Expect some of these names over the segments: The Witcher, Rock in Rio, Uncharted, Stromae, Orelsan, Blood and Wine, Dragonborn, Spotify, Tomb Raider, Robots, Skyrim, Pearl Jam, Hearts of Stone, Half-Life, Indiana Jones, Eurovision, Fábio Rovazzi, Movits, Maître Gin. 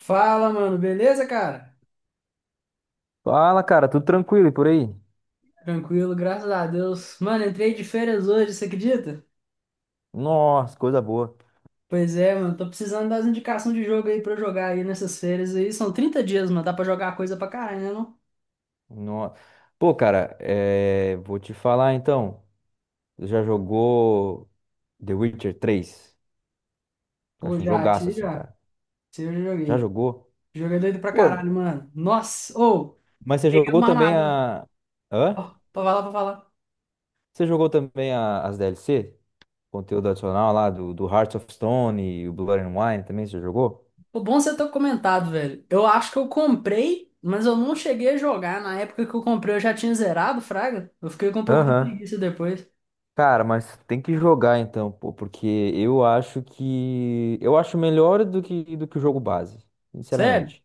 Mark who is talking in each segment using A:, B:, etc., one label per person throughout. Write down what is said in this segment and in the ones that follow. A: Fala, mano, beleza, cara?
B: Fala, cara, tudo tranquilo e por aí?
A: Tranquilo, graças a Deus. Mano, entrei de férias hoje, você acredita?
B: Nossa, coisa boa.
A: Pois é, mano, tô precisando das indicações de jogo aí pra eu jogar aí nessas férias aí. São 30 dias, mano, dá pra jogar coisa pra caralho, né, não?
B: Nossa. Pô, cara, vou te falar então. Você já jogou The Witcher três. Eu
A: Pô,
B: acho um jogaço assim,
A: já.
B: cara.
A: Esse aí eu já
B: Já
A: joguei.
B: jogou?
A: Joguei doido pra caralho,
B: Pô,
A: mano. Nossa, ô,
B: mas você
A: peguei
B: jogou
A: uma
B: também
A: armadura.
B: a. Hã?
A: Ó, pra falar, pra falar.
B: Você jogou também as DLC? Conteúdo adicional lá do Hearts of Stone e o Blood and Wine também, você jogou?
A: Pô, bom você ter comentado, velho. Eu acho que eu comprei, mas eu não cheguei a jogar. Na época que eu comprei, eu já tinha zerado, fraga. Eu fiquei com um pouco de
B: Aham.
A: preguiça depois.
B: Cara, mas tem que jogar então, pô, porque eu acho melhor do que o jogo base,
A: Sério?
B: sinceramente.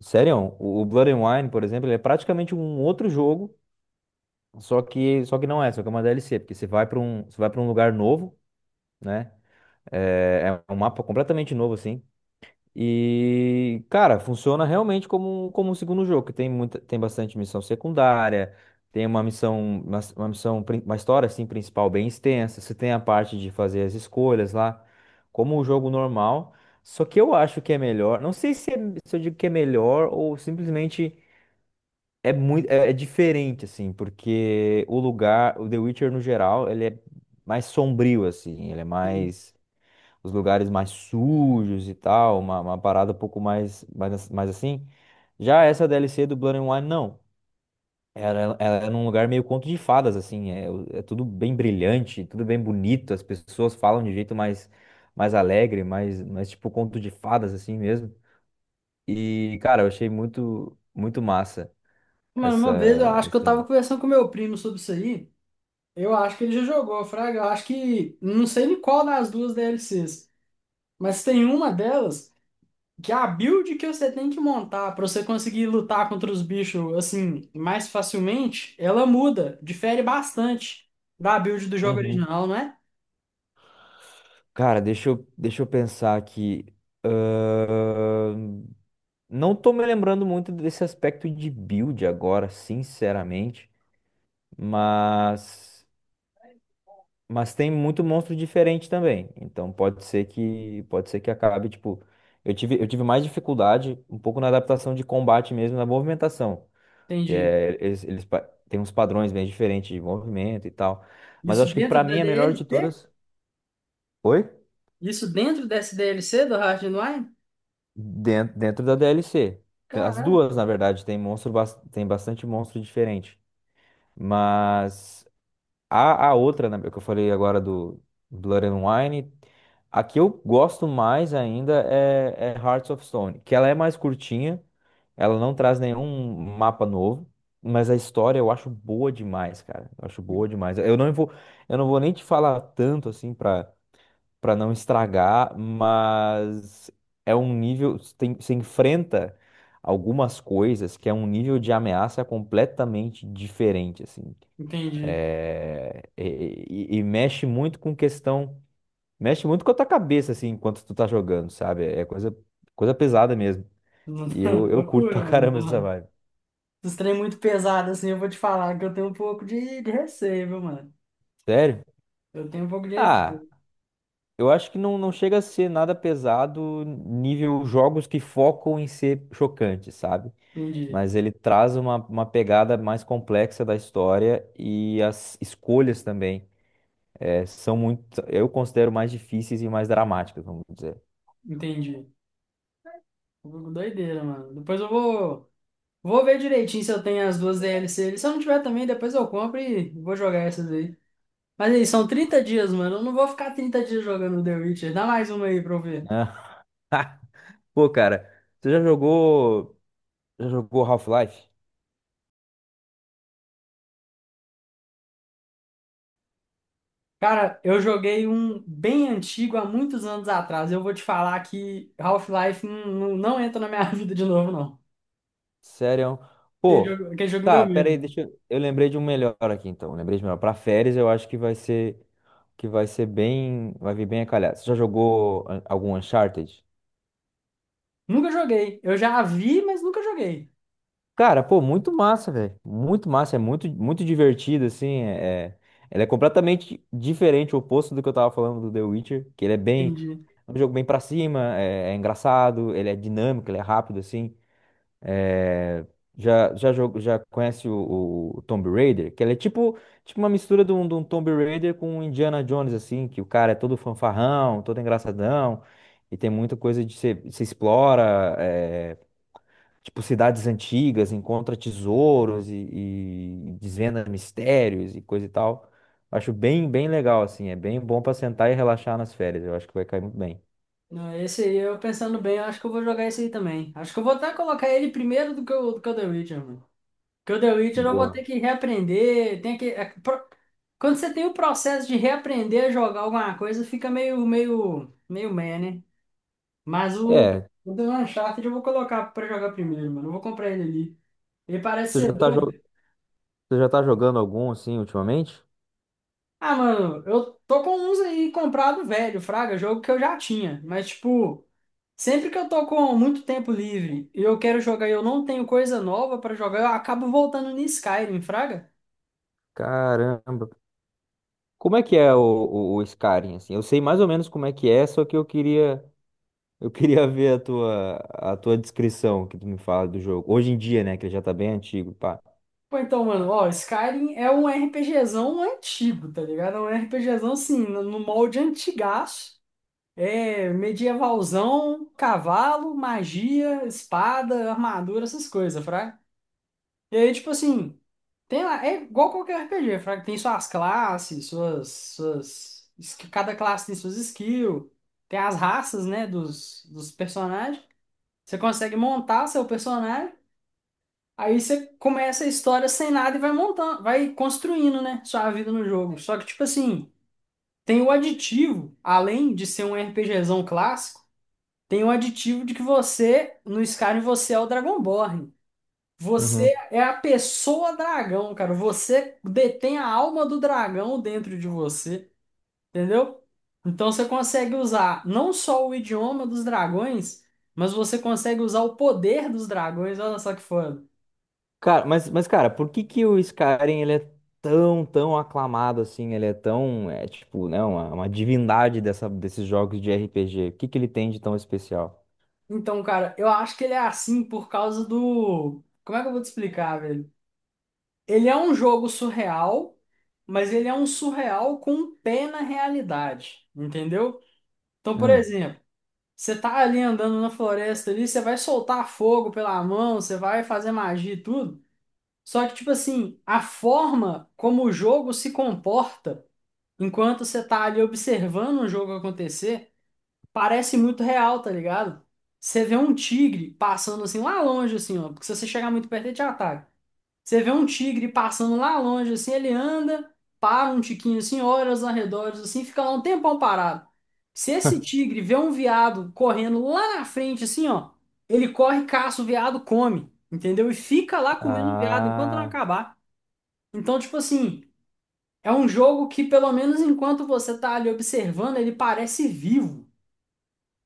B: Sério, o Blood and Wine, por exemplo, ele é praticamente um outro jogo, só que não é, só que é uma DLC, porque você vai para um lugar novo, né? É, é um mapa completamente novo assim. E, cara, funciona realmente como, como um segundo jogo, que tem bastante missão secundária, tem uma missão, uma missão, uma história assim principal bem extensa, você tem a parte de fazer as escolhas lá, como um jogo normal. Só que eu acho que é melhor, não sei se se eu digo que é melhor ou simplesmente é muito, é diferente assim, porque o lugar, o The Witcher no geral, ele é mais sombrio assim, ele é mais os lugares mais sujos e tal, uma parada um pouco mais assim. Já essa DLC do Blood and Wine, não. Ela é num lugar meio conto de fadas, assim. É, é tudo bem brilhante, tudo bem bonito. As pessoas falam de um jeito mais, mais alegre, mais tipo conto de fadas, assim mesmo. E, cara, eu achei muito, muito massa
A: Mano, uma vez eu acho que eu
B: essa
A: tava
B: aí.
A: conversando com meu primo sobre isso aí. Eu acho que ele já jogou, Fraga. Eu acho que. Não sei em qual das duas DLCs. Mas tem uma delas que é a build que você tem que montar pra você conseguir lutar contra os bichos assim mais facilmente, ela muda, difere bastante da build do jogo
B: Uhum.
A: original, não é?
B: Cara, deixa eu pensar aqui. Ahn, Não tô me lembrando muito desse aspecto de build agora, sinceramente, mas tem muito monstro diferente também. Então pode ser que acabe, tipo, eu tive mais dificuldade um pouco na adaptação de combate mesmo, na movimentação, que
A: Entendi.
B: é eles têm uns padrões bem diferentes de movimento e tal. Mas eu
A: Isso
B: acho que
A: dentro
B: pra
A: da
B: mim a melhor de
A: DLC?
B: todas, oi?
A: Isso dentro dessa DLC do Hard and Wine?
B: Dentro, dentro da DLC. As
A: Caralho.
B: duas, na verdade, tem monstro, tem bastante monstro diferente. Mas a outra, né, que eu falei agora do Blood and Wine, a que eu gosto mais ainda é Hearts of Stone, que ela é mais curtinha, ela não traz nenhum mapa novo, mas a história eu acho boa demais, cara. Eu acho boa demais. Eu não vou nem te falar tanto assim pra para não estragar, mas é um nível, tem, você enfrenta algumas coisas que é um nível de ameaça completamente diferente, assim.
A: Entendi.
B: É, e, e mexe muito com questão, mexe muito com a tua cabeça, assim, enquanto tu tá jogando, sabe? É coisa pesada mesmo. E eu curto pra
A: Loucura,
B: caramba essa
A: mano.
B: vibe.
A: Dos trem é muito pesado, assim, eu vou te falar que eu tenho um pouco de receio, viu, mano?
B: Sério?
A: Eu tenho um pouco de
B: Ah,
A: receio.
B: eu acho que não, não chega a ser nada pesado nível jogos que focam em ser chocante, sabe?
A: Entendi,
B: Mas ele traz uma pegada mais complexa da história e as escolhas também são muito, eu considero mais difíceis e mais dramáticas, vamos dizer.
A: entendi. Um pouco doideira, mano. Depois eu vou ver direitinho se eu tenho as duas D L DLC. Se eu não tiver também, depois eu compro e vou jogar essas aí. Mas aí, são 30 dias, mano. Eu não vou ficar 30 dias jogando The Witcher. Dá mais uma aí pra eu ver.
B: Pô, cara, você já jogou. Já jogou Half-Life?
A: Cara, eu joguei um bem antigo há muitos anos atrás. Eu vou te falar que Half-Life não, não, não entra na minha vida de novo, não.
B: Sério?
A: Aquele jogo,
B: Pô,
A: aquele jogo me deu
B: tá, pera
A: medo.
B: aí, deixa eu. Eu lembrei de um melhor aqui, então. Lembrei de melhor. Pra férias, eu acho que vai ser. Que vai ser bem. Vai vir bem a calhar. Você já jogou algum Uncharted?
A: Nunca joguei. Eu já vi, mas nunca joguei.
B: Cara, pô, muito massa, velho. Muito massa. É muito, muito divertido, assim. Ele é completamente diferente, o oposto do que eu tava falando do The Witcher. Que ele é bem.
A: Entendi.
B: É um jogo bem pra cima, é engraçado, ele é dinâmico, ele é rápido, assim. É, Já conhece o Tomb Raider? Que ele é tipo, tipo uma mistura de um Tomb Raider com um Indiana Jones, assim, que o cara é todo fanfarrão, todo engraçadão, e tem muita coisa de se explora, é, tipo cidades antigas, encontra tesouros e desvenda mistérios e coisa e tal. Acho bem, bem legal, assim, é bem bom pra sentar e relaxar nas férias, eu acho que vai cair muito bem.
A: Não, esse aí, eu pensando bem, eu acho que eu vou jogar esse aí também. Acho que eu vou até colocar ele primeiro do que o The Witcher, mano. Porque o The Witcher eu vou ter
B: Boa.
A: que reaprender. Tem que, é, pro- Quando você tem o processo de reaprender a jogar alguma coisa, fica meio meh, né? Mas o,
B: É,
A: o do Uncharted eu vou colocar pra jogar primeiro, mano. Eu vou comprar ele ali. Ele parece
B: você
A: ser
B: já tá, jo-
A: doido.
B: você já tá jogando algum, assim, ultimamente?
A: Ah, mano, eu tô com uns aí comprado velho, fraga, jogo que eu já tinha. Mas, tipo. Sempre que eu tô com muito tempo livre e eu quero jogar e eu não tenho coisa nova pra jogar, eu acabo voltando em Skyrim, fraga?
B: Caramba. Como é que é o Skyrim, assim? Eu sei mais ou menos como é que é, só que eu queria ver a tua descrição que tu me fala do jogo. Hoje em dia, né, que ele já tá bem antigo, pá.
A: Pô, então, mano, ó, Skyrim é um RPGzão antigo, tá ligado? É um RPGzão, assim, no molde antigaço. É medievalzão, cavalo, magia, espada, armadura, essas coisas, fraga? E aí, tipo assim. Tem lá, é igual qualquer RPG, Fraga. Tem suas classes. Cada classe tem suas skills, tem as raças, né, dos personagens. Você consegue montar seu personagem, aí você começa a história sem nada e vai montando, vai construindo, né, sua vida no jogo. Só que, tipo assim, tem o aditivo, além de ser um RPGzão clássico, tem o aditivo de que você, no Skyrim, você é o Dragonborn.
B: Uhum.
A: Você é a pessoa dragão, cara. Você detém a alma do dragão dentro de você, entendeu? Então você consegue usar não só o idioma dos dragões, mas você consegue usar o poder dos dragões. Olha só que foda.
B: Cara, mas cara, por que que o Skyrim ele é tão aclamado assim? Ele é tão é tipo, né, uma divindade dessa desses jogos de RPG. O que que ele tem de tão especial?
A: Então, cara, eu acho que ele é assim por causa do. Como é que eu vou te explicar, velho? Ele é um jogo surreal, mas ele é um surreal com um pé na realidade, entendeu? Então, por
B: Hum.
A: exemplo. Você tá ali andando na floresta ali, você vai soltar fogo pela mão, você vai fazer magia e tudo. Só que, tipo assim, a forma como o jogo se comporta enquanto você tá ali observando o jogo acontecer, parece muito real, tá ligado? Você vê um tigre passando assim lá longe, assim, ó. Porque se você chegar muito perto, ele te ataca. Você vê um tigre passando lá longe, assim, ele anda, para um tiquinho assim, olha os arredores, assim, fica lá um tempão parado. Se esse tigre vê um veado correndo lá na frente, assim, ó, ele corre, caça o veado, come, entendeu? E fica lá comendo o veado enquanto não
B: Ah,
A: acabar. Então, tipo assim, é um jogo que, pelo menos enquanto você tá ali observando, ele parece vivo.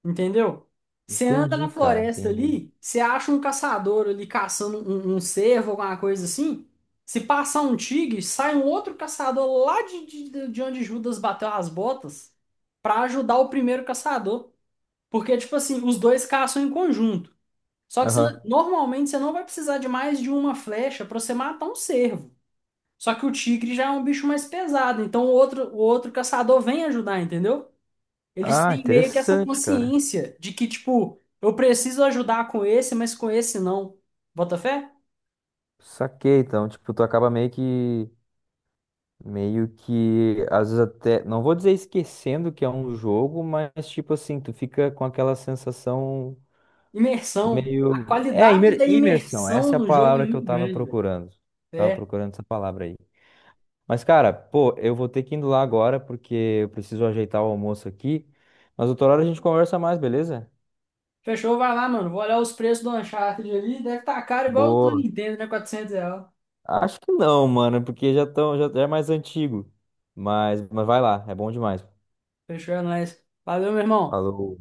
A: Entendeu? Você anda na
B: entendi, cara,
A: floresta
B: entendi.
A: ali, você acha um caçador ali caçando um cervo, alguma coisa assim. Se passar um tigre, sai um outro caçador lá de onde Judas bateu as botas pra ajudar o primeiro caçador. Porque, tipo assim, os dois caçam em conjunto.
B: Aham.
A: Normalmente você não vai precisar de mais de uma flecha pra você matar um cervo. Só que o tigre já é um bicho mais pesado, então o outro caçador vem ajudar, entendeu? Eles
B: Ah,
A: têm meio que essa
B: interessante, cara.
A: consciência de que, tipo, eu preciso ajudar com esse, mas com esse não. Bota fé?
B: Saquei, então, tipo, tu acaba meio que, às vezes até, não vou dizer esquecendo que é um jogo, mas, tipo assim, tu fica com aquela sensação
A: Imersão. A
B: meio,
A: qualidade da
B: imersão,
A: imersão
B: essa é a
A: no jogo é
B: palavra que eu
A: muito grande, velho.
B: tava
A: É.
B: procurando essa palavra aí. Mas, cara, pô, eu vou ter que ir indo lá agora, porque eu preciso ajeitar o almoço aqui, mas outra hora a gente conversa mais, beleza?
A: Fechou, vai lá, mano. Vou olhar os preços do Uncharted ali. Deve estar caro igual o do
B: Boa.
A: Nintendo, né? R$ 400.
B: Acho que não, mano, porque já tão, já já é mais antigo, mas vai lá, é bom demais.
A: Fechou, é nóis. Valeu, meu irmão.
B: Falou.